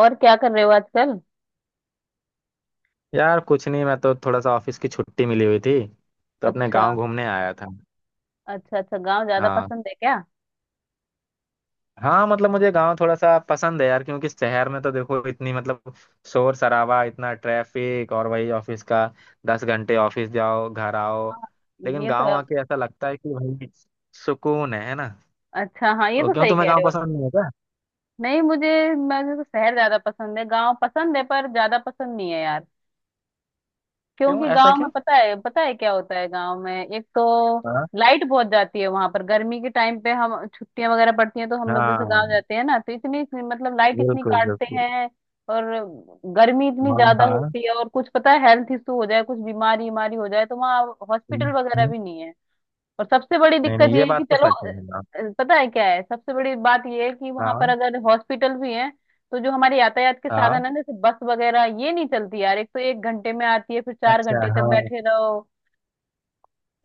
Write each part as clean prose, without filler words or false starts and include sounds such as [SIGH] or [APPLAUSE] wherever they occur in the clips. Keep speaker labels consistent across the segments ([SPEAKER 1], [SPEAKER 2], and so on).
[SPEAKER 1] और क्या कर रहे हो आजकल?
[SPEAKER 2] यार कुछ नहीं। मैं तो थोड़ा सा ऑफिस की छुट्टी मिली हुई थी तो अपने
[SPEAKER 1] अच्छा।
[SPEAKER 2] गांव घूमने आया था।
[SPEAKER 1] अच्छा, अच्छा, गांव ज्यादा
[SPEAKER 2] हाँ।
[SPEAKER 1] पसंद है क्या?
[SPEAKER 2] हाँ मतलब मुझे गांव थोड़ा सा पसंद है यार, क्योंकि शहर में तो देखो इतनी मतलब शोर शराबा, इतना ट्रैफिक और वही ऑफिस का। 10 घंटे ऑफिस जाओ, घर आओ। लेकिन
[SPEAKER 1] ये तो
[SPEAKER 2] गांव
[SPEAKER 1] आप-
[SPEAKER 2] आके ऐसा लगता है कि भाई सुकून है ना।
[SPEAKER 1] अच्छा, हाँ, ये
[SPEAKER 2] तो
[SPEAKER 1] तो
[SPEAKER 2] क्यों,
[SPEAKER 1] सही
[SPEAKER 2] तुम्हें
[SPEAKER 1] कह
[SPEAKER 2] गांव
[SPEAKER 1] रहे हो।
[SPEAKER 2] पसंद नहीं है क्या?
[SPEAKER 1] नहीं। मुझे मुझे तो शहर ज्यादा पसंद है, गांव पसंद है पर ज्यादा पसंद नहीं है यार।
[SPEAKER 2] क्यों
[SPEAKER 1] क्योंकि
[SPEAKER 2] ऐसा
[SPEAKER 1] गांव में
[SPEAKER 2] क्यों?
[SPEAKER 1] पता है, पता है क्या होता है गांव में? एक तो
[SPEAKER 2] हाँ।
[SPEAKER 1] लाइट बहुत जाती है वहां पर। गर्मी के टाइम पे हम छुट्टियां वगैरह पड़ती हैं तो हम लोग जैसे
[SPEAKER 2] हाँ
[SPEAKER 1] गांव जाते हैं ना तो इतनी, मतलब, लाइट इतनी
[SPEAKER 2] बिल्कुल
[SPEAKER 1] काटते
[SPEAKER 2] बिल्कुल।
[SPEAKER 1] हैं। और गर्मी इतनी
[SPEAKER 2] हाँ
[SPEAKER 1] ज्यादा
[SPEAKER 2] हाँ।
[SPEAKER 1] होती है, और कुछ पता है, हेल्थ इशू हो जाए, कुछ बीमारी बीमारी हो जाए तो वहाँ
[SPEAKER 2] हम्म,
[SPEAKER 1] हॉस्पिटल वगैरह
[SPEAKER 2] हम्म।
[SPEAKER 1] भी नहीं है। और सबसे बड़ी
[SPEAKER 2] नहीं
[SPEAKER 1] दिक्कत
[SPEAKER 2] नहीं
[SPEAKER 1] ये
[SPEAKER 2] ये
[SPEAKER 1] है कि
[SPEAKER 2] बात तो
[SPEAKER 1] चलो,
[SPEAKER 2] सच है। हाँ
[SPEAKER 1] पता है क्या है, सबसे बड़ी बात ये है कि वहां पर
[SPEAKER 2] हाँ।
[SPEAKER 1] अगर हॉस्पिटल भी हैं तो जो हमारे यातायात के साधन
[SPEAKER 2] हाँ,
[SPEAKER 1] है ना, जैसे बस वगैरह, ये नहीं चलती यार। एक तो एक घंटे में आती है, फिर चार
[SPEAKER 2] अच्छा
[SPEAKER 1] घंटे तक
[SPEAKER 2] हाँ।
[SPEAKER 1] बैठे रहो।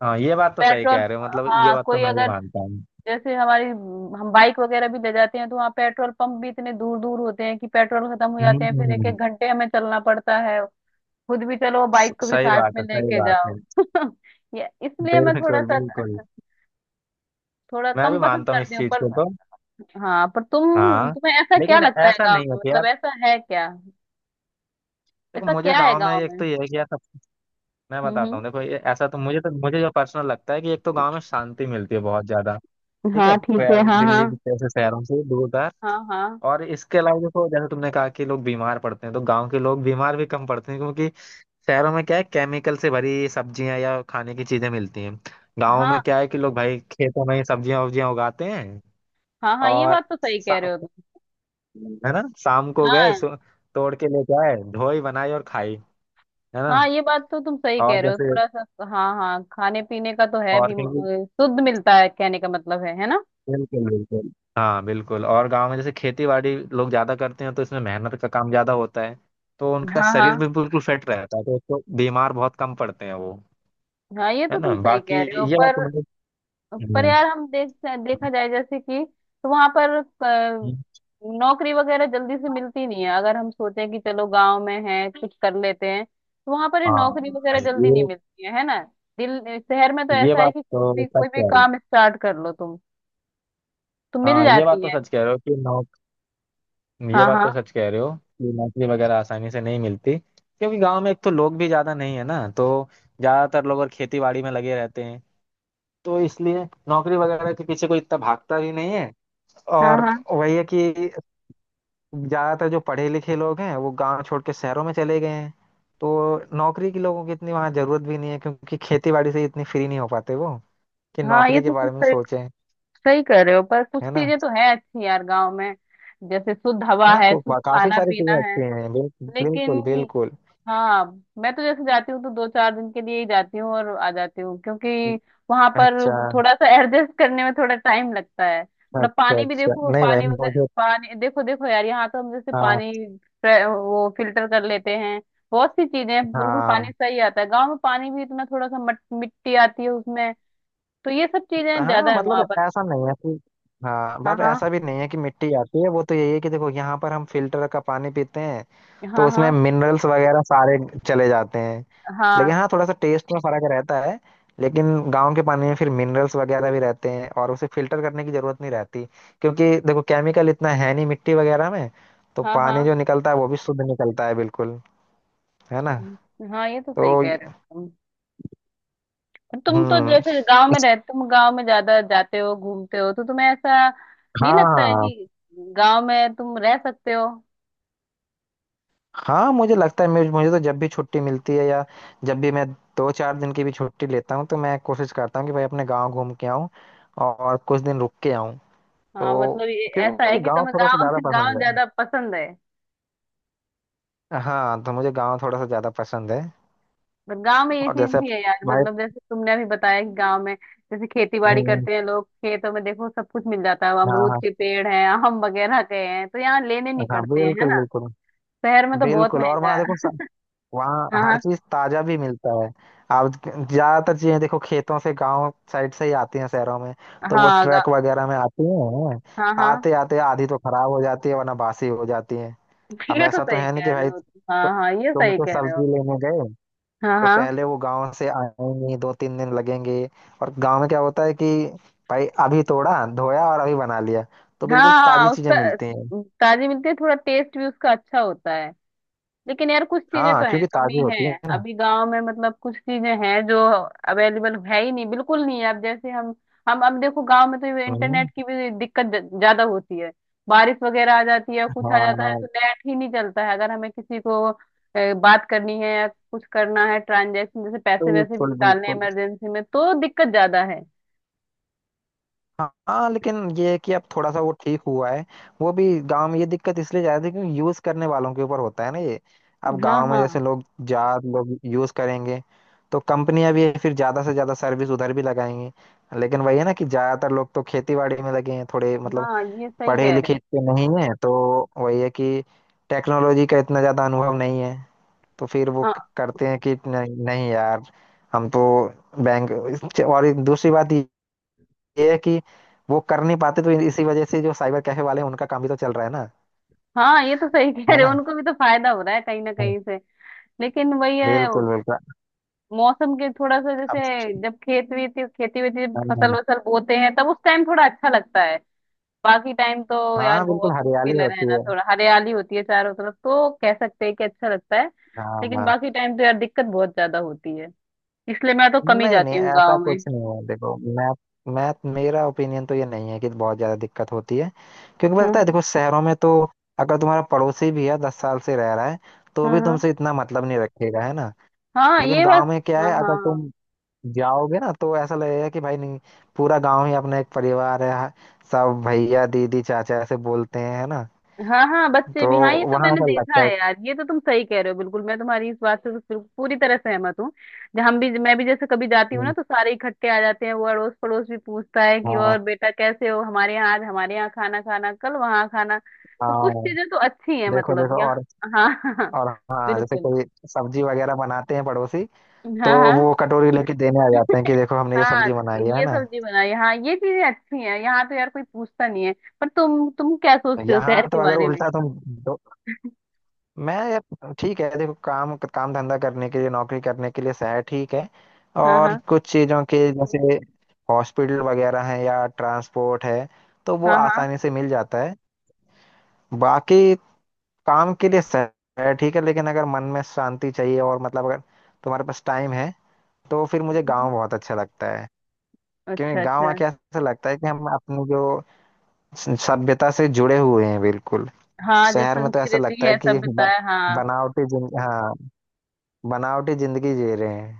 [SPEAKER 2] हाँ ये बात तो सही
[SPEAKER 1] पेट्रोल।
[SPEAKER 2] कह रहे हो मतलब ये
[SPEAKER 1] हाँ,
[SPEAKER 2] बात तो
[SPEAKER 1] कोई
[SPEAKER 2] मैं भी
[SPEAKER 1] अगर,
[SPEAKER 2] मानता हूँ।
[SPEAKER 1] जैसे हमारी, हम बाइक वगैरह भी ले जाते हैं तो वहाँ पेट्रोल पंप भी इतने दूर दूर होते हैं कि पेट्रोल खत्म हो जाते हैं, फिर एक
[SPEAKER 2] हम्म।
[SPEAKER 1] एक घंटे हमें चलना पड़ता है। खुद भी चलो, बाइक को भी
[SPEAKER 2] सही
[SPEAKER 1] साथ
[SPEAKER 2] बात
[SPEAKER 1] में
[SPEAKER 2] है, सही
[SPEAKER 1] लेके
[SPEAKER 2] बात है।
[SPEAKER 1] जाओ। [LAUGHS] ये इसलिए मैं थोड़ा
[SPEAKER 2] बिल्कुल
[SPEAKER 1] सा,
[SPEAKER 2] बिल्कुल।
[SPEAKER 1] थोड़ा
[SPEAKER 2] मैं
[SPEAKER 1] कम
[SPEAKER 2] भी
[SPEAKER 1] पसंद
[SPEAKER 2] मानता हूँ
[SPEAKER 1] करती
[SPEAKER 2] इस
[SPEAKER 1] हूँ
[SPEAKER 2] चीज
[SPEAKER 1] पर।
[SPEAKER 2] को तो।
[SPEAKER 1] हाँ, पर तुम
[SPEAKER 2] हाँ
[SPEAKER 1] तुम्हें ऐसा क्या
[SPEAKER 2] लेकिन
[SPEAKER 1] लगता है
[SPEAKER 2] ऐसा
[SPEAKER 1] गाँव
[SPEAKER 2] नहीं
[SPEAKER 1] में,
[SPEAKER 2] होता यार।
[SPEAKER 1] मतलब ऐसा है क्या?
[SPEAKER 2] देखो
[SPEAKER 1] ऐसा
[SPEAKER 2] मुझे
[SPEAKER 1] क्या है
[SPEAKER 2] गांव में
[SPEAKER 1] गाँव
[SPEAKER 2] एक
[SPEAKER 1] में?
[SPEAKER 2] तो ये है कि यार, सब मैं बताता
[SPEAKER 1] हम्म,
[SPEAKER 2] हूँ। देखो ये ऐसा तो मुझे जो पर्सनल लगता है कि एक तो गांव में शांति मिलती है बहुत ज्यादा।
[SPEAKER 1] हम्म,
[SPEAKER 2] ठीक है।
[SPEAKER 1] हाँ, ठीक है, हाँ, हाँ,
[SPEAKER 2] दिल्ली जैसे शहरों से दूर का।
[SPEAKER 1] हाँ, हाँ,
[SPEAKER 2] और इसके अलावा देखो, जैसे तुमने कहा कि लोग बीमार पड़ते हैं, तो गांव के लोग बीमार भी कम पड़ते हैं क्योंकि शहरों में क्या है, केमिकल से भरी सब्जियां या खाने की चीजें मिलती हैं। गांव में
[SPEAKER 1] हाँ,
[SPEAKER 2] क्या है कि लोग भाई खेतों में ही सब्जियां उब्जियां उगाते हैं।
[SPEAKER 1] हाँ, हाँ ये
[SPEAKER 2] और
[SPEAKER 1] बात तो सही कह
[SPEAKER 2] शा-
[SPEAKER 1] रहे हो तुम।
[SPEAKER 2] है ना, शाम को गए
[SPEAKER 1] हाँ,
[SPEAKER 2] तोड़ के लेके आए, धोई बनाई और खाई, है ना।
[SPEAKER 1] हाँ, ये बात तो तुम सही
[SPEAKER 2] और
[SPEAKER 1] कह रहे हो
[SPEAKER 2] जैसे,
[SPEAKER 1] थोड़ा सा। हाँ, हाँ, खाने पीने का तो है भी
[SPEAKER 2] और कहीं।
[SPEAKER 1] शुद्ध मिलता है, कहने का मतलब है ना।
[SPEAKER 2] बिल्कुल बिल्कुल। हाँ बिल्कुल। और गांव में जैसे खेती बाड़ी लोग ज्यादा करते हैं तो इसमें मेहनत का काम ज्यादा होता है। तो उनका
[SPEAKER 1] हाँ,
[SPEAKER 2] शरीर
[SPEAKER 1] हाँ,
[SPEAKER 2] भी बिल्कुल फिट रहता है, तो उसको बीमार बहुत कम पड़ते हैं वो।
[SPEAKER 1] हाँ, ये तो
[SPEAKER 2] है ना,
[SPEAKER 1] तुम सही
[SPEAKER 2] बाकी
[SPEAKER 1] कह रहे हो
[SPEAKER 2] ये बात
[SPEAKER 1] पर
[SPEAKER 2] तो मतलब।
[SPEAKER 1] पर यार हम देख, देखा जाए जैसे कि, तो वहां पर नौकरी वगैरह जल्दी से मिलती नहीं है, अगर हम सोचें कि चलो गांव में है कुछ कर लेते हैं, तो वहां पर ये
[SPEAKER 2] हाँ
[SPEAKER 1] नौकरी वगैरह जल्दी
[SPEAKER 2] ये
[SPEAKER 1] नहीं मिलती है ना। दिल शहर में तो
[SPEAKER 2] ये
[SPEAKER 1] ऐसा है
[SPEAKER 2] बात
[SPEAKER 1] कि कोई
[SPEAKER 2] तो
[SPEAKER 1] भी,
[SPEAKER 2] सच
[SPEAKER 1] कोई भी
[SPEAKER 2] कह रहे हो।
[SPEAKER 1] काम स्टार्ट कर लो तुम तो मिल
[SPEAKER 2] हाँ ये बात
[SPEAKER 1] जाती
[SPEAKER 2] तो
[SPEAKER 1] है।
[SPEAKER 2] सच कह रहे हो कि नौक ये
[SPEAKER 1] हाँ,
[SPEAKER 2] बात
[SPEAKER 1] हाँ,
[SPEAKER 2] तो सच कह रहे हो कि नौकरी वगैरह आसानी से नहीं मिलती। क्योंकि गांव में एक तो लोग भी ज्यादा नहीं है ना, तो ज्यादातर लोग और खेती बाड़ी में लगे रहते हैं, तो इसलिए नौकरी वगैरह के पीछे कोई इतना भागता भी नहीं है।
[SPEAKER 1] हाँ,
[SPEAKER 2] और
[SPEAKER 1] हाँ,
[SPEAKER 2] वही है कि ज्यादातर जो पढ़े लिखे लोग हैं वो गांव छोड़ के शहरों में चले गए हैं, तो नौकरी की लोगों की इतनी वहां जरूरत भी नहीं है क्योंकि खेती बाड़ी से इतनी फ्री नहीं हो पाते वो कि
[SPEAKER 1] हाँ, ये
[SPEAKER 2] नौकरी के
[SPEAKER 1] तो तुम
[SPEAKER 2] बारे में
[SPEAKER 1] सही,
[SPEAKER 2] सोचें।
[SPEAKER 1] सही कर रहे हो, पर कुछ
[SPEAKER 2] है ना।
[SPEAKER 1] चीजें तो है अच्छी यार गांव में। जैसे शुद्ध हवा
[SPEAKER 2] हाँ
[SPEAKER 1] है, शुद्ध
[SPEAKER 2] काफी
[SPEAKER 1] खाना
[SPEAKER 2] सारी
[SPEAKER 1] पीना
[SPEAKER 2] चीजें
[SPEAKER 1] है।
[SPEAKER 2] अच्छी हैं
[SPEAKER 1] लेकिन।
[SPEAKER 2] बिल्कुल बिल्कुल।
[SPEAKER 1] हाँ। मैं तो जैसे जाती हूँ तो दो चार दिन के लिए ही जाती हूँ और आ जाती हूँ, क्योंकि वहां पर
[SPEAKER 2] अच्छा
[SPEAKER 1] थोड़ा सा एडजस्ट करने में थोड़ा टाइम लगता है। थोड़ा
[SPEAKER 2] अच्छा।
[SPEAKER 1] पानी भी,
[SPEAKER 2] अच्छा
[SPEAKER 1] देखो,
[SPEAKER 2] नहीं भाई
[SPEAKER 1] पानी वगैरह,
[SPEAKER 2] मुझे।
[SPEAKER 1] पानी, देखो, देखो यार, यहाँ तो हम जैसे
[SPEAKER 2] हाँ।
[SPEAKER 1] पानी वो फिल्टर कर लेते हैं। बहुत सी चीजें हैं, बिल्कुल।
[SPEAKER 2] हाँ।
[SPEAKER 1] पानी सही आता है, गाँव में पानी भी इतना थोड़ा सा मिट्टी आती है उसमें, तो ये सब चीजें
[SPEAKER 2] हाँ
[SPEAKER 1] ज्यादा है
[SPEAKER 2] मतलब
[SPEAKER 1] वहां पर।
[SPEAKER 2] ऐसा नहीं है कि, हाँ
[SPEAKER 1] हाँ,
[SPEAKER 2] बट
[SPEAKER 1] हाँ,
[SPEAKER 2] ऐसा भी नहीं है कि मिट्टी आती है। वो तो यही है कि देखो यहाँ पर हम फिल्टर का पानी पीते हैं तो
[SPEAKER 1] हाँ,
[SPEAKER 2] उसमें
[SPEAKER 1] हाँ,
[SPEAKER 2] मिनरल्स वगैरह सारे चले जाते हैं। लेकिन
[SPEAKER 1] हाँ,
[SPEAKER 2] हाँ थोड़ा सा टेस्ट में फर्क रहता है। लेकिन गांव के पानी में फिर मिनरल्स वगैरह भी रहते हैं और उसे फिल्टर करने की जरूरत नहीं रहती, क्योंकि देखो केमिकल इतना है नहीं मिट्टी वगैरह में, तो पानी
[SPEAKER 1] हाँ,
[SPEAKER 2] जो निकलता है वो भी शुद्ध निकलता है, बिल्कुल। है ना।
[SPEAKER 1] हाँ, हाँ, ये तो
[SPEAKER 2] तो
[SPEAKER 1] सही कह रहे हो तुम। तुम तो
[SPEAKER 2] हम्म।
[SPEAKER 1] जैसे गांव में रहते, तुम गांव में ज्यादा जाते हो, घूमते हो, तो तुम्हें ऐसा नहीं लगता है
[SPEAKER 2] हाँ।
[SPEAKER 1] कि गांव में तुम रह सकते हो?
[SPEAKER 2] हाँ मुझे लगता है, मुझे मुझे तो जब भी छुट्टी मिलती है या जब भी मैं दो चार दिन की भी छुट्टी लेता हूँ तो मैं कोशिश करता हूँ कि भाई अपने गांव घूम के आऊँ और कुछ दिन रुक के आऊँ।
[SPEAKER 1] हाँ,
[SPEAKER 2] तो
[SPEAKER 1] मतलब ये
[SPEAKER 2] क्योंकि
[SPEAKER 1] ऐसा है
[SPEAKER 2] मुझे
[SPEAKER 1] कि
[SPEAKER 2] गांव
[SPEAKER 1] तुम्हें
[SPEAKER 2] थोड़ा सा
[SPEAKER 1] गांव
[SPEAKER 2] ज़्यादा
[SPEAKER 1] [LAUGHS]
[SPEAKER 2] पसंद
[SPEAKER 1] गांव
[SPEAKER 2] है।
[SPEAKER 1] ज्यादा पसंद है।
[SPEAKER 2] हाँ तो मुझे गांव थोड़ा सा ज़्यादा पसंद है।
[SPEAKER 1] पर गांव में ये
[SPEAKER 2] और
[SPEAKER 1] चीज
[SPEAKER 2] जैसे
[SPEAKER 1] भी है यार,
[SPEAKER 2] भाई।
[SPEAKER 1] मतलब जैसे तुमने अभी बताया कि गांव में जैसे खेती बाड़ी
[SPEAKER 2] हम्म,
[SPEAKER 1] करते हैं लोग, खेतों में देखो सब कुछ मिल जाता है,
[SPEAKER 2] हाँ
[SPEAKER 1] अमरूद
[SPEAKER 2] हाँ।
[SPEAKER 1] के पेड़ हैं, आम वगैरह के हैं, तो यहाँ लेने नहीं
[SPEAKER 2] हाँ
[SPEAKER 1] पड़ते हैं, है
[SPEAKER 2] बिल्कुल
[SPEAKER 1] ना।
[SPEAKER 2] बिल्कुल।
[SPEAKER 1] शहर में तो बहुत
[SPEAKER 2] बिल्कुल और
[SPEAKER 1] महंगा
[SPEAKER 2] वहाँ देखो,
[SPEAKER 1] है।
[SPEAKER 2] वहाँ
[SPEAKER 1] हाँ,
[SPEAKER 2] हर
[SPEAKER 1] हाँ,
[SPEAKER 2] चीज ताजा भी मिलता है। आप ज्यादातर चीजें देखो खेतों से, गांव साइड से ही आती हैं शहरों में, तो वो
[SPEAKER 1] हाँ,
[SPEAKER 2] ट्रक वगैरह में आती हैं।
[SPEAKER 1] हाँ, हाँ,
[SPEAKER 2] आते आते आधी तो खराब हो जाती है वरना बासी हो जाती है।
[SPEAKER 1] [LAUGHS]
[SPEAKER 2] अब
[SPEAKER 1] ये तो
[SPEAKER 2] ऐसा तो
[SPEAKER 1] सही
[SPEAKER 2] है नहीं
[SPEAKER 1] कह
[SPEAKER 2] कि
[SPEAKER 1] रहे
[SPEAKER 2] भाई
[SPEAKER 1] हो तुम। हाँ, हाँ, ये
[SPEAKER 2] तुम
[SPEAKER 1] सही
[SPEAKER 2] तो
[SPEAKER 1] कह रहे हो।
[SPEAKER 2] सब्जी लेने गए
[SPEAKER 1] हाँ,
[SPEAKER 2] तो
[SPEAKER 1] हाँ,
[SPEAKER 2] पहले वो गांव से आएंगी, दो तीन दिन लगेंगे। और गांव में क्या होता है कि भाई अभी तोड़ा, धोया और अभी बना लिया, तो
[SPEAKER 1] हाँ,
[SPEAKER 2] बिल्कुल ताजी
[SPEAKER 1] हाँ,
[SPEAKER 2] चीजें
[SPEAKER 1] उसका,
[SPEAKER 2] मिलती हैं।
[SPEAKER 1] ताजी मिलती है, थोड़ा टेस्ट भी उसका अच्छा होता है। लेकिन यार कुछ चीजें
[SPEAKER 2] हाँ
[SPEAKER 1] तो है,
[SPEAKER 2] क्योंकि
[SPEAKER 1] कमी
[SPEAKER 2] ताजी होती
[SPEAKER 1] है
[SPEAKER 2] है ना।
[SPEAKER 1] अभी गांव में, मतलब कुछ चीजें हैं जो अवेलेबल है ही नहीं, बिल्कुल नहीं है। अब जैसे हम अब देखो, गांव में तो
[SPEAKER 2] हम्म।
[SPEAKER 1] इंटरनेट की भी दिक्कत ज्यादा होती है। बारिश वगैरह आ जाती है, कुछ आ जाता है,
[SPEAKER 2] हाँ
[SPEAKER 1] तो नेट ही नहीं चलता है। अगर हमें किसी को बात करनी है या कुछ करना है, ट्रांजेक्शन जैसे, पैसे वैसे भी
[SPEAKER 2] बिल्कुल
[SPEAKER 1] निकालने हैं
[SPEAKER 2] बिल्कुल।
[SPEAKER 1] इमरजेंसी में, तो दिक्कत ज्यादा है।
[SPEAKER 2] हाँ लेकिन ये है कि अब थोड़ा सा वो ठीक हुआ है। वो भी गांव में ये दिक्कत इसलिए ज्यादा थी क्योंकि यूज करने वालों के ऊपर होता है ना ये। अब
[SPEAKER 1] हाँ,
[SPEAKER 2] गांव में जैसे
[SPEAKER 1] हाँ,
[SPEAKER 2] लोग, ज्यादा लोग यूज करेंगे, तो कंपनियां भी फिर ज्यादा से ज्यादा सर्विस उधर भी लगाएंगी। लेकिन वही है ना कि ज्यादातर लोग तो खेती बाड़ी में लगे हैं, थोड़े मतलब
[SPEAKER 1] हाँ, ये सही
[SPEAKER 2] पढ़े
[SPEAKER 1] कह रहे
[SPEAKER 2] लिखे
[SPEAKER 1] हो।
[SPEAKER 2] इतने नहीं है, तो वही है कि टेक्नोलॉजी का इतना ज्यादा अनुभव नहीं है, तो फिर वो करते हैं कि नहीं, नहीं यार हम तो बैंक, और एक दूसरी बात ये है कि वो कर नहीं पाते, तो इसी वजह से जो साइबर कैफे वाले हैं उनका काम भी तो चल रहा है ना।
[SPEAKER 1] हाँ, ये तो सही कह
[SPEAKER 2] है
[SPEAKER 1] रहे
[SPEAKER 2] ना।
[SPEAKER 1] हो, उनको भी तो फायदा हो रहा है कहीं ना
[SPEAKER 2] हाँ।
[SPEAKER 1] कहीं से। लेकिन वही है,
[SPEAKER 2] बिल्कुल बिल्कुल।
[SPEAKER 1] मौसम के थोड़ा सा
[SPEAKER 2] अब
[SPEAKER 1] जैसे, जब खेत वीत, खेती वेती, जब फसल
[SPEAKER 2] हाँ।
[SPEAKER 1] वसल बोते हैं, तब उस टाइम थोड़ा अच्छा लगता है। बाकी टाइम तो यार
[SPEAKER 2] हाँ, बिल्कुल
[SPEAKER 1] बहुत
[SPEAKER 2] हरियाली
[SPEAKER 1] मुश्किल है
[SPEAKER 2] होती
[SPEAKER 1] रहना।
[SPEAKER 2] है।
[SPEAKER 1] थोड़ा हरियाली होती है चारों तरफ तो कह सकते हैं कि अच्छा लगता है।
[SPEAKER 2] हाँ
[SPEAKER 1] लेकिन
[SPEAKER 2] हाँ।
[SPEAKER 1] बाकी टाइम तो यार दिक्कत बहुत ज्यादा होती है। इसलिए मैं तो कम ही
[SPEAKER 2] नहीं नहीं
[SPEAKER 1] जाती हूँ
[SPEAKER 2] ऐसा
[SPEAKER 1] गाँव में।
[SPEAKER 2] कुछ नहीं है। देखो मैं मेरा ओपिनियन तो ये नहीं है कि बहुत ज्यादा दिक्कत होती है। क्योंकि पता है,
[SPEAKER 1] हाँ,
[SPEAKER 2] देखो शहरों में तो अगर तुम्हारा पड़ोसी भी है, 10 साल से रह रहा है, तो
[SPEAKER 1] हाँ, हाँ,
[SPEAKER 2] भी
[SPEAKER 1] हाँ,
[SPEAKER 2] तुमसे इतना मतलब नहीं रखेगा, है ना।
[SPEAKER 1] हाँ,
[SPEAKER 2] लेकिन
[SPEAKER 1] ये बस।
[SPEAKER 2] गांव में क्या
[SPEAKER 1] हाँ,
[SPEAKER 2] है,
[SPEAKER 1] हाँ,
[SPEAKER 2] अगर
[SPEAKER 1] हाँ।
[SPEAKER 2] तुम जाओगे ना तो ऐसा लगेगा कि भाई नहीं, पूरा गांव ही अपना एक परिवार है। सब भैया दीदी चाचा ऐसे बोलते हैं, है ना।
[SPEAKER 1] हाँ, हाँ, बच्चे
[SPEAKER 2] तो
[SPEAKER 1] भी, हाँ, ये तो
[SPEAKER 2] वहां
[SPEAKER 1] मैंने
[SPEAKER 2] ऐसा
[SPEAKER 1] देखा
[SPEAKER 2] लगता है
[SPEAKER 1] है यार, ये तो तुम सही कह रहे हो, बिल्कुल, मैं तुम्हारी इस बात से पूरी तरह सहमत हूँ। जब हम भी, मैं भी जैसे कभी जाती हूँ ना
[SPEAKER 2] कि।
[SPEAKER 1] तो सारे इकट्ठे आ जाते हैं, वो अड़ोस पड़ोस भी पूछता है कि
[SPEAKER 2] हाँ
[SPEAKER 1] और बेटा कैसे हो, हमारे यहाँ आज, हमारे यहाँ खाना खाना, कल वहाँ खाना। तो
[SPEAKER 2] हाँ।
[SPEAKER 1] कुछ चीजें तो अच्छी है
[SPEAKER 2] देखो
[SPEAKER 1] मतलब
[SPEAKER 2] देखो।
[SPEAKER 1] यहाँ।
[SPEAKER 2] और
[SPEAKER 1] हाँ, [LAUGHS] हाँ,
[SPEAKER 2] और हाँ जैसे
[SPEAKER 1] बिल्कुल।
[SPEAKER 2] कोई सब्जी वगैरह बनाते हैं पड़ोसी, तो
[SPEAKER 1] हाँ, हाँ,
[SPEAKER 2] वो कटोरी लेके देने आ जाते हैं कि देखो हमने ये
[SPEAKER 1] हाँ,
[SPEAKER 2] सब्जी बनाई है,
[SPEAKER 1] ये
[SPEAKER 2] ना।
[SPEAKER 1] सब्जी बनाई, हाँ, ये चीजें अच्छी हैं, यहाँ तो यार कोई पूछता नहीं है। पर तुम क्या सोचते हो शहर
[SPEAKER 2] यहाँ तो
[SPEAKER 1] के
[SPEAKER 2] अगर
[SPEAKER 1] बारे में?
[SPEAKER 2] उल्टा तुम। मैं यार ठीक है, देखो काम काम धंधा करने के लिए, नौकरी करने के लिए शहर ठीक है,
[SPEAKER 1] हाँ,
[SPEAKER 2] और
[SPEAKER 1] हाँ,
[SPEAKER 2] कुछ चीज़ों के जैसे हॉस्पिटल वगैरह है या ट्रांसपोर्ट है तो वो
[SPEAKER 1] हाँ, हाँ,
[SPEAKER 2] आसानी से मिल जाता है। बाकी काम के लिए शहर ठीक है लेकिन अगर मन में शांति चाहिए, और मतलब अगर तुम्हारे पास टाइम है, तो फिर
[SPEAKER 1] हम्म,
[SPEAKER 2] मुझे
[SPEAKER 1] हम्म।
[SPEAKER 2] गांव बहुत अच्छा लगता है।
[SPEAKER 1] अच्छा,
[SPEAKER 2] क्योंकि गांव
[SPEAKER 1] अच्छा।
[SPEAKER 2] आके ऐसा लगता है कि हम अपनी जो सभ्यता से जुड़े हुए हैं, बिल्कुल।
[SPEAKER 1] हाँ, जो
[SPEAKER 2] शहर में तो ऐसा
[SPEAKER 1] संस्कृति
[SPEAKER 2] लगता है
[SPEAKER 1] है,
[SPEAKER 2] कि
[SPEAKER 1] सभ्यता
[SPEAKER 2] ब-
[SPEAKER 1] है, हाँ।
[SPEAKER 2] बनावटी जिन हाँ, बनावटी जिंदगी जी रहे हैं।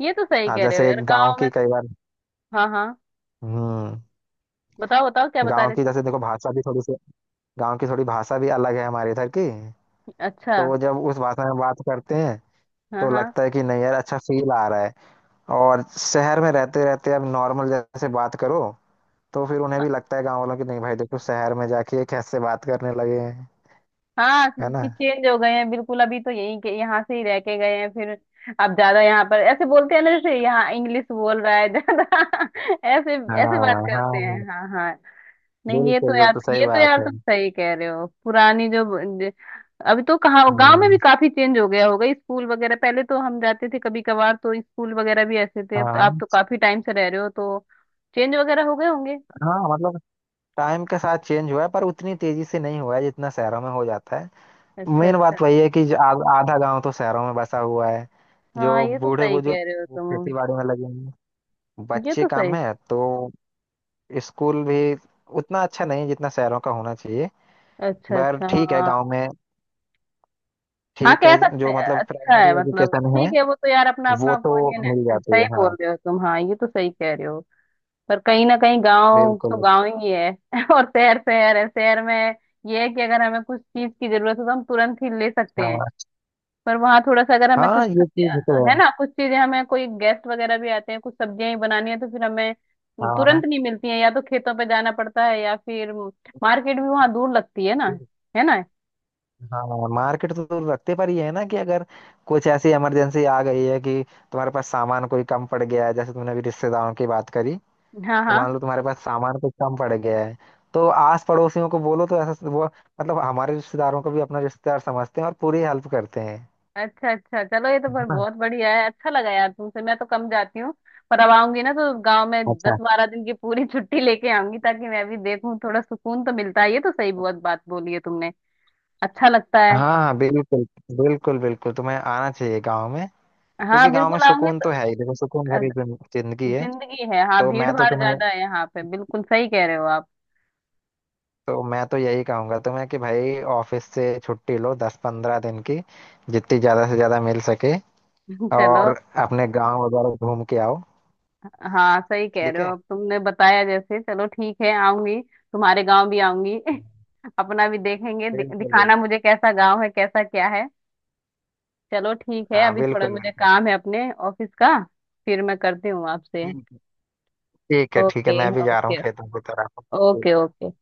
[SPEAKER 1] ये तो सही
[SPEAKER 2] हाँ
[SPEAKER 1] कह रहे हो
[SPEAKER 2] जैसे
[SPEAKER 1] यार,
[SPEAKER 2] गांव
[SPEAKER 1] गांव में।
[SPEAKER 2] की कई बार,
[SPEAKER 1] हाँ, हाँ,
[SPEAKER 2] हम्म
[SPEAKER 1] बताओ बताओ क्या बता
[SPEAKER 2] गांव
[SPEAKER 1] रहे
[SPEAKER 2] की
[SPEAKER 1] थे।
[SPEAKER 2] जैसे देखो भाषा भी थोड़ी सी, गांव की थोड़ी भाषा भी अलग है हमारे इधर की।
[SPEAKER 1] अच्छा,
[SPEAKER 2] तो वो जब उस भाषा में बात करते हैं
[SPEAKER 1] हाँ,
[SPEAKER 2] तो
[SPEAKER 1] हाँ,
[SPEAKER 2] लगता है कि नहीं यार, अच्छा फील आ रहा है। और शहर में रहते रहते अब नॉर्मल जैसे बात करो, तो फिर उन्हें भी लगता है गांव वालों की, नहीं भाई देखो शहर में जाके ये कैसे बात करने लगे हैं,
[SPEAKER 1] हाँ,
[SPEAKER 2] है ना।
[SPEAKER 1] कि चेंज हो गए हैं, बिल्कुल, अभी तो यही के यहाँ से ही रह के गए हैं फिर। अब ज्यादा यहाँ पर ऐसे बोलते हैं ना, जैसे यहाँ इंग्लिश बोल रहा है ज्यादा, [LAUGHS] ऐसे, ऐसे बात
[SPEAKER 2] हाँ हाँ।
[SPEAKER 1] करते हैं,
[SPEAKER 2] हाँ,
[SPEAKER 1] हाँ, हाँ। नहीं, ये तो
[SPEAKER 2] बिल्कुल
[SPEAKER 1] यार
[SPEAKER 2] बिल्कुल सही
[SPEAKER 1] ये तो
[SPEAKER 2] बात
[SPEAKER 1] यार
[SPEAKER 2] है।
[SPEAKER 1] तुम सही कह रहे हो, पुरानी जो, ज- अभी तो कहाँ, गांव में भी
[SPEAKER 2] हम्म,
[SPEAKER 1] काफी चेंज हो गया होगा, स्कूल वगैरह, पहले तो हम जाते थे कभी कभार, तो स्कूल वगैरह भी ऐसे थे, अब तो आप
[SPEAKER 2] हाँ
[SPEAKER 1] तो काफी टाइम से रह रहे हो, तो चेंज वगैरह हो गए होंगे।
[SPEAKER 2] हाँ मतलब टाइम के साथ चेंज हुआ है पर उतनी तेजी से नहीं हुआ है जितना शहरों में हो जाता है।
[SPEAKER 1] अच्छा,
[SPEAKER 2] मेन
[SPEAKER 1] अच्छा,
[SPEAKER 2] बात वही है कि जो आधा गांव तो शहरों में बसा हुआ है।
[SPEAKER 1] हाँ,
[SPEAKER 2] जो
[SPEAKER 1] ये तो
[SPEAKER 2] बूढ़े
[SPEAKER 1] सही
[SPEAKER 2] बुजुर्ग
[SPEAKER 1] कह रहे
[SPEAKER 2] हैं,
[SPEAKER 1] हो
[SPEAKER 2] वो खेती
[SPEAKER 1] तुम।
[SPEAKER 2] बाड़ी में लगे हुए हैं।
[SPEAKER 1] ये
[SPEAKER 2] बच्चे
[SPEAKER 1] तो
[SPEAKER 2] कम
[SPEAKER 1] सही।
[SPEAKER 2] है तो स्कूल भी उतना अच्छा नहीं है जितना शहरों का होना चाहिए।
[SPEAKER 1] अच्छा,
[SPEAKER 2] पर
[SPEAKER 1] अच्छा,
[SPEAKER 2] ठीक है
[SPEAKER 1] हाँ,
[SPEAKER 2] गांव में,
[SPEAKER 1] हाँ,
[SPEAKER 2] ठीक
[SPEAKER 1] कह
[SPEAKER 2] है
[SPEAKER 1] सकते
[SPEAKER 2] जो
[SPEAKER 1] हैं
[SPEAKER 2] मतलब
[SPEAKER 1] अच्छा है,
[SPEAKER 2] प्राइमरी
[SPEAKER 1] मतलब
[SPEAKER 2] एजुकेशन है
[SPEAKER 1] ठीक है, वो तो यार अपना अपना
[SPEAKER 2] वो तो
[SPEAKER 1] ओपिनियन
[SPEAKER 2] मिल
[SPEAKER 1] है,
[SPEAKER 2] जाती
[SPEAKER 1] सही
[SPEAKER 2] है। हाँ
[SPEAKER 1] बोल रहे हो तुम, हाँ, ये तो सही कह रहे हो। पर कहीं ना कहीं गांव तो
[SPEAKER 2] बिल्कुल।
[SPEAKER 1] गांव ही है [LAUGHS] और शहर शहर है। शहर में ये है कि अगर हमें कुछ चीज की जरूरत हो तो हम तुरंत ही ले सकते हैं।
[SPEAKER 2] हाँ
[SPEAKER 1] पर वहां थोड़ा सा, अगर हमें कुछ
[SPEAKER 2] हाँ ये चीज तो
[SPEAKER 1] है
[SPEAKER 2] है।
[SPEAKER 1] ना, कुछ चीजें, हमें कोई गेस्ट वगैरह भी आते हैं, कुछ सब्जियां ही बनानी है, तो फिर हमें
[SPEAKER 2] हाँ हाँ।
[SPEAKER 1] तुरंत नहीं मिलती है, या तो खेतों पे जाना पड़ता है, या फिर मार्केट भी वहां दूर लगती है ना, है ना।
[SPEAKER 2] हाँ मार्केट तो दूर रखते, पर ये है ना कि अगर कुछ ऐसी इमरजेंसी आ गई है कि तुम्हारे पास सामान कोई कम पड़ गया है, जैसे तुमने अभी रिश्तेदारों की बात करी,
[SPEAKER 1] हाँ,
[SPEAKER 2] तो
[SPEAKER 1] हाँ।
[SPEAKER 2] मान लो तुम्हारे पास सामान कुछ कम पड़ गया है, तो आस पड़ोसियों को बोलो तो ऐसा वो मतलब हमारे रिश्तेदारों को भी अपना रिश्तेदार समझते हैं और पूरी हेल्प करते हैं,
[SPEAKER 1] अच्छा, अच्छा, चलो, ये तो
[SPEAKER 2] है
[SPEAKER 1] पर
[SPEAKER 2] ना।
[SPEAKER 1] बहुत बढ़िया है, अच्छा लगा यार तुमसे। मैं तो कम जाती हूँ, पर अब आऊंगी ना तो गांव में दस
[SPEAKER 2] अच्छा।
[SPEAKER 1] बारह दिन की पूरी [LAUGHS] छुट्टी लेके आऊंगी, ताकि मैं भी देखूं, थोड़ा सुकून तो मिलता है, ये तो सही, बहुत बात बोली है तुमने, अच्छा लगता
[SPEAKER 2] हाँ
[SPEAKER 1] है।
[SPEAKER 2] हाँ बिल्कुल बिल्कुल। बिल्कुल तुम्हें आना चाहिए गाँव में,
[SPEAKER 1] हाँ,
[SPEAKER 2] क्योंकि गाँव में
[SPEAKER 1] बिल्कुल आऊंगी
[SPEAKER 2] सुकून
[SPEAKER 1] तो
[SPEAKER 2] तो है ही। देखो सुकून
[SPEAKER 1] अ,
[SPEAKER 2] भरी जिंदगी है।
[SPEAKER 1] जिंदगी है, हाँ,
[SPEAKER 2] तो
[SPEAKER 1] भीड़
[SPEAKER 2] मैं तो
[SPEAKER 1] भाड़
[SPEAKER 2] तुम्हें
[SPEAKER 1] ज्यादा है यहाँ पे, बिल्कुल सही कह रहे हो आप।
[SPEAKER 2] तो मैं तो यही कहूंगा तुम्हें कि भाई ऑफिस से छुट्टी लो, 10-15 दिन की जितनी ज्यादा से ज्यादा मिल सके,
[SPEAKER 1] [LAUGHS] चलो,
[SPEAKER 2] और अपने गांव वगैरह घूम के आओ।
[SPEAKER 1] हाँ, सही कह
[SPEAKER 2] ठीक
[SPEAKER 1] रहे
[SPEAKER 2] है।
[SPEAKER 1] हो, अब तुमने बताया जैसे, चलो ठीक है, आऊंगी। तुम्हारे गाँव भी आऊंगी। [LAUGHS] अपना भी देखेंगे,
[SPEAKER 2] बिल्कुल बिल्कुल।
[SPEAKER 1] दिखाना मुझे कैसा गाँव है, कैसा क्या है। चलो ठीक है,
[SPEAKER 2] हाँ
[SPEAKER 1] अभी थोड़ा
[SPEAKER 2] बिल्कुल
[SPEAKER 1] मुझे काम है अपने ऑफिस का, फिर मैं करती हूँ आपसे।
[SPEAKER 2] बिल्कुल। ठीक है ठीक है,
[SPEAKER 1] ओके,
[SPEAKER 2] मैं भी जा रहा हूँ
[SPEAKER 1] ओके,
[SPEAKER 2] खेतों की तरफ। ठीक
[SPEAKER 1] ओके,
[SPEAKER 2] है।
[SPEAKER 1] ओके।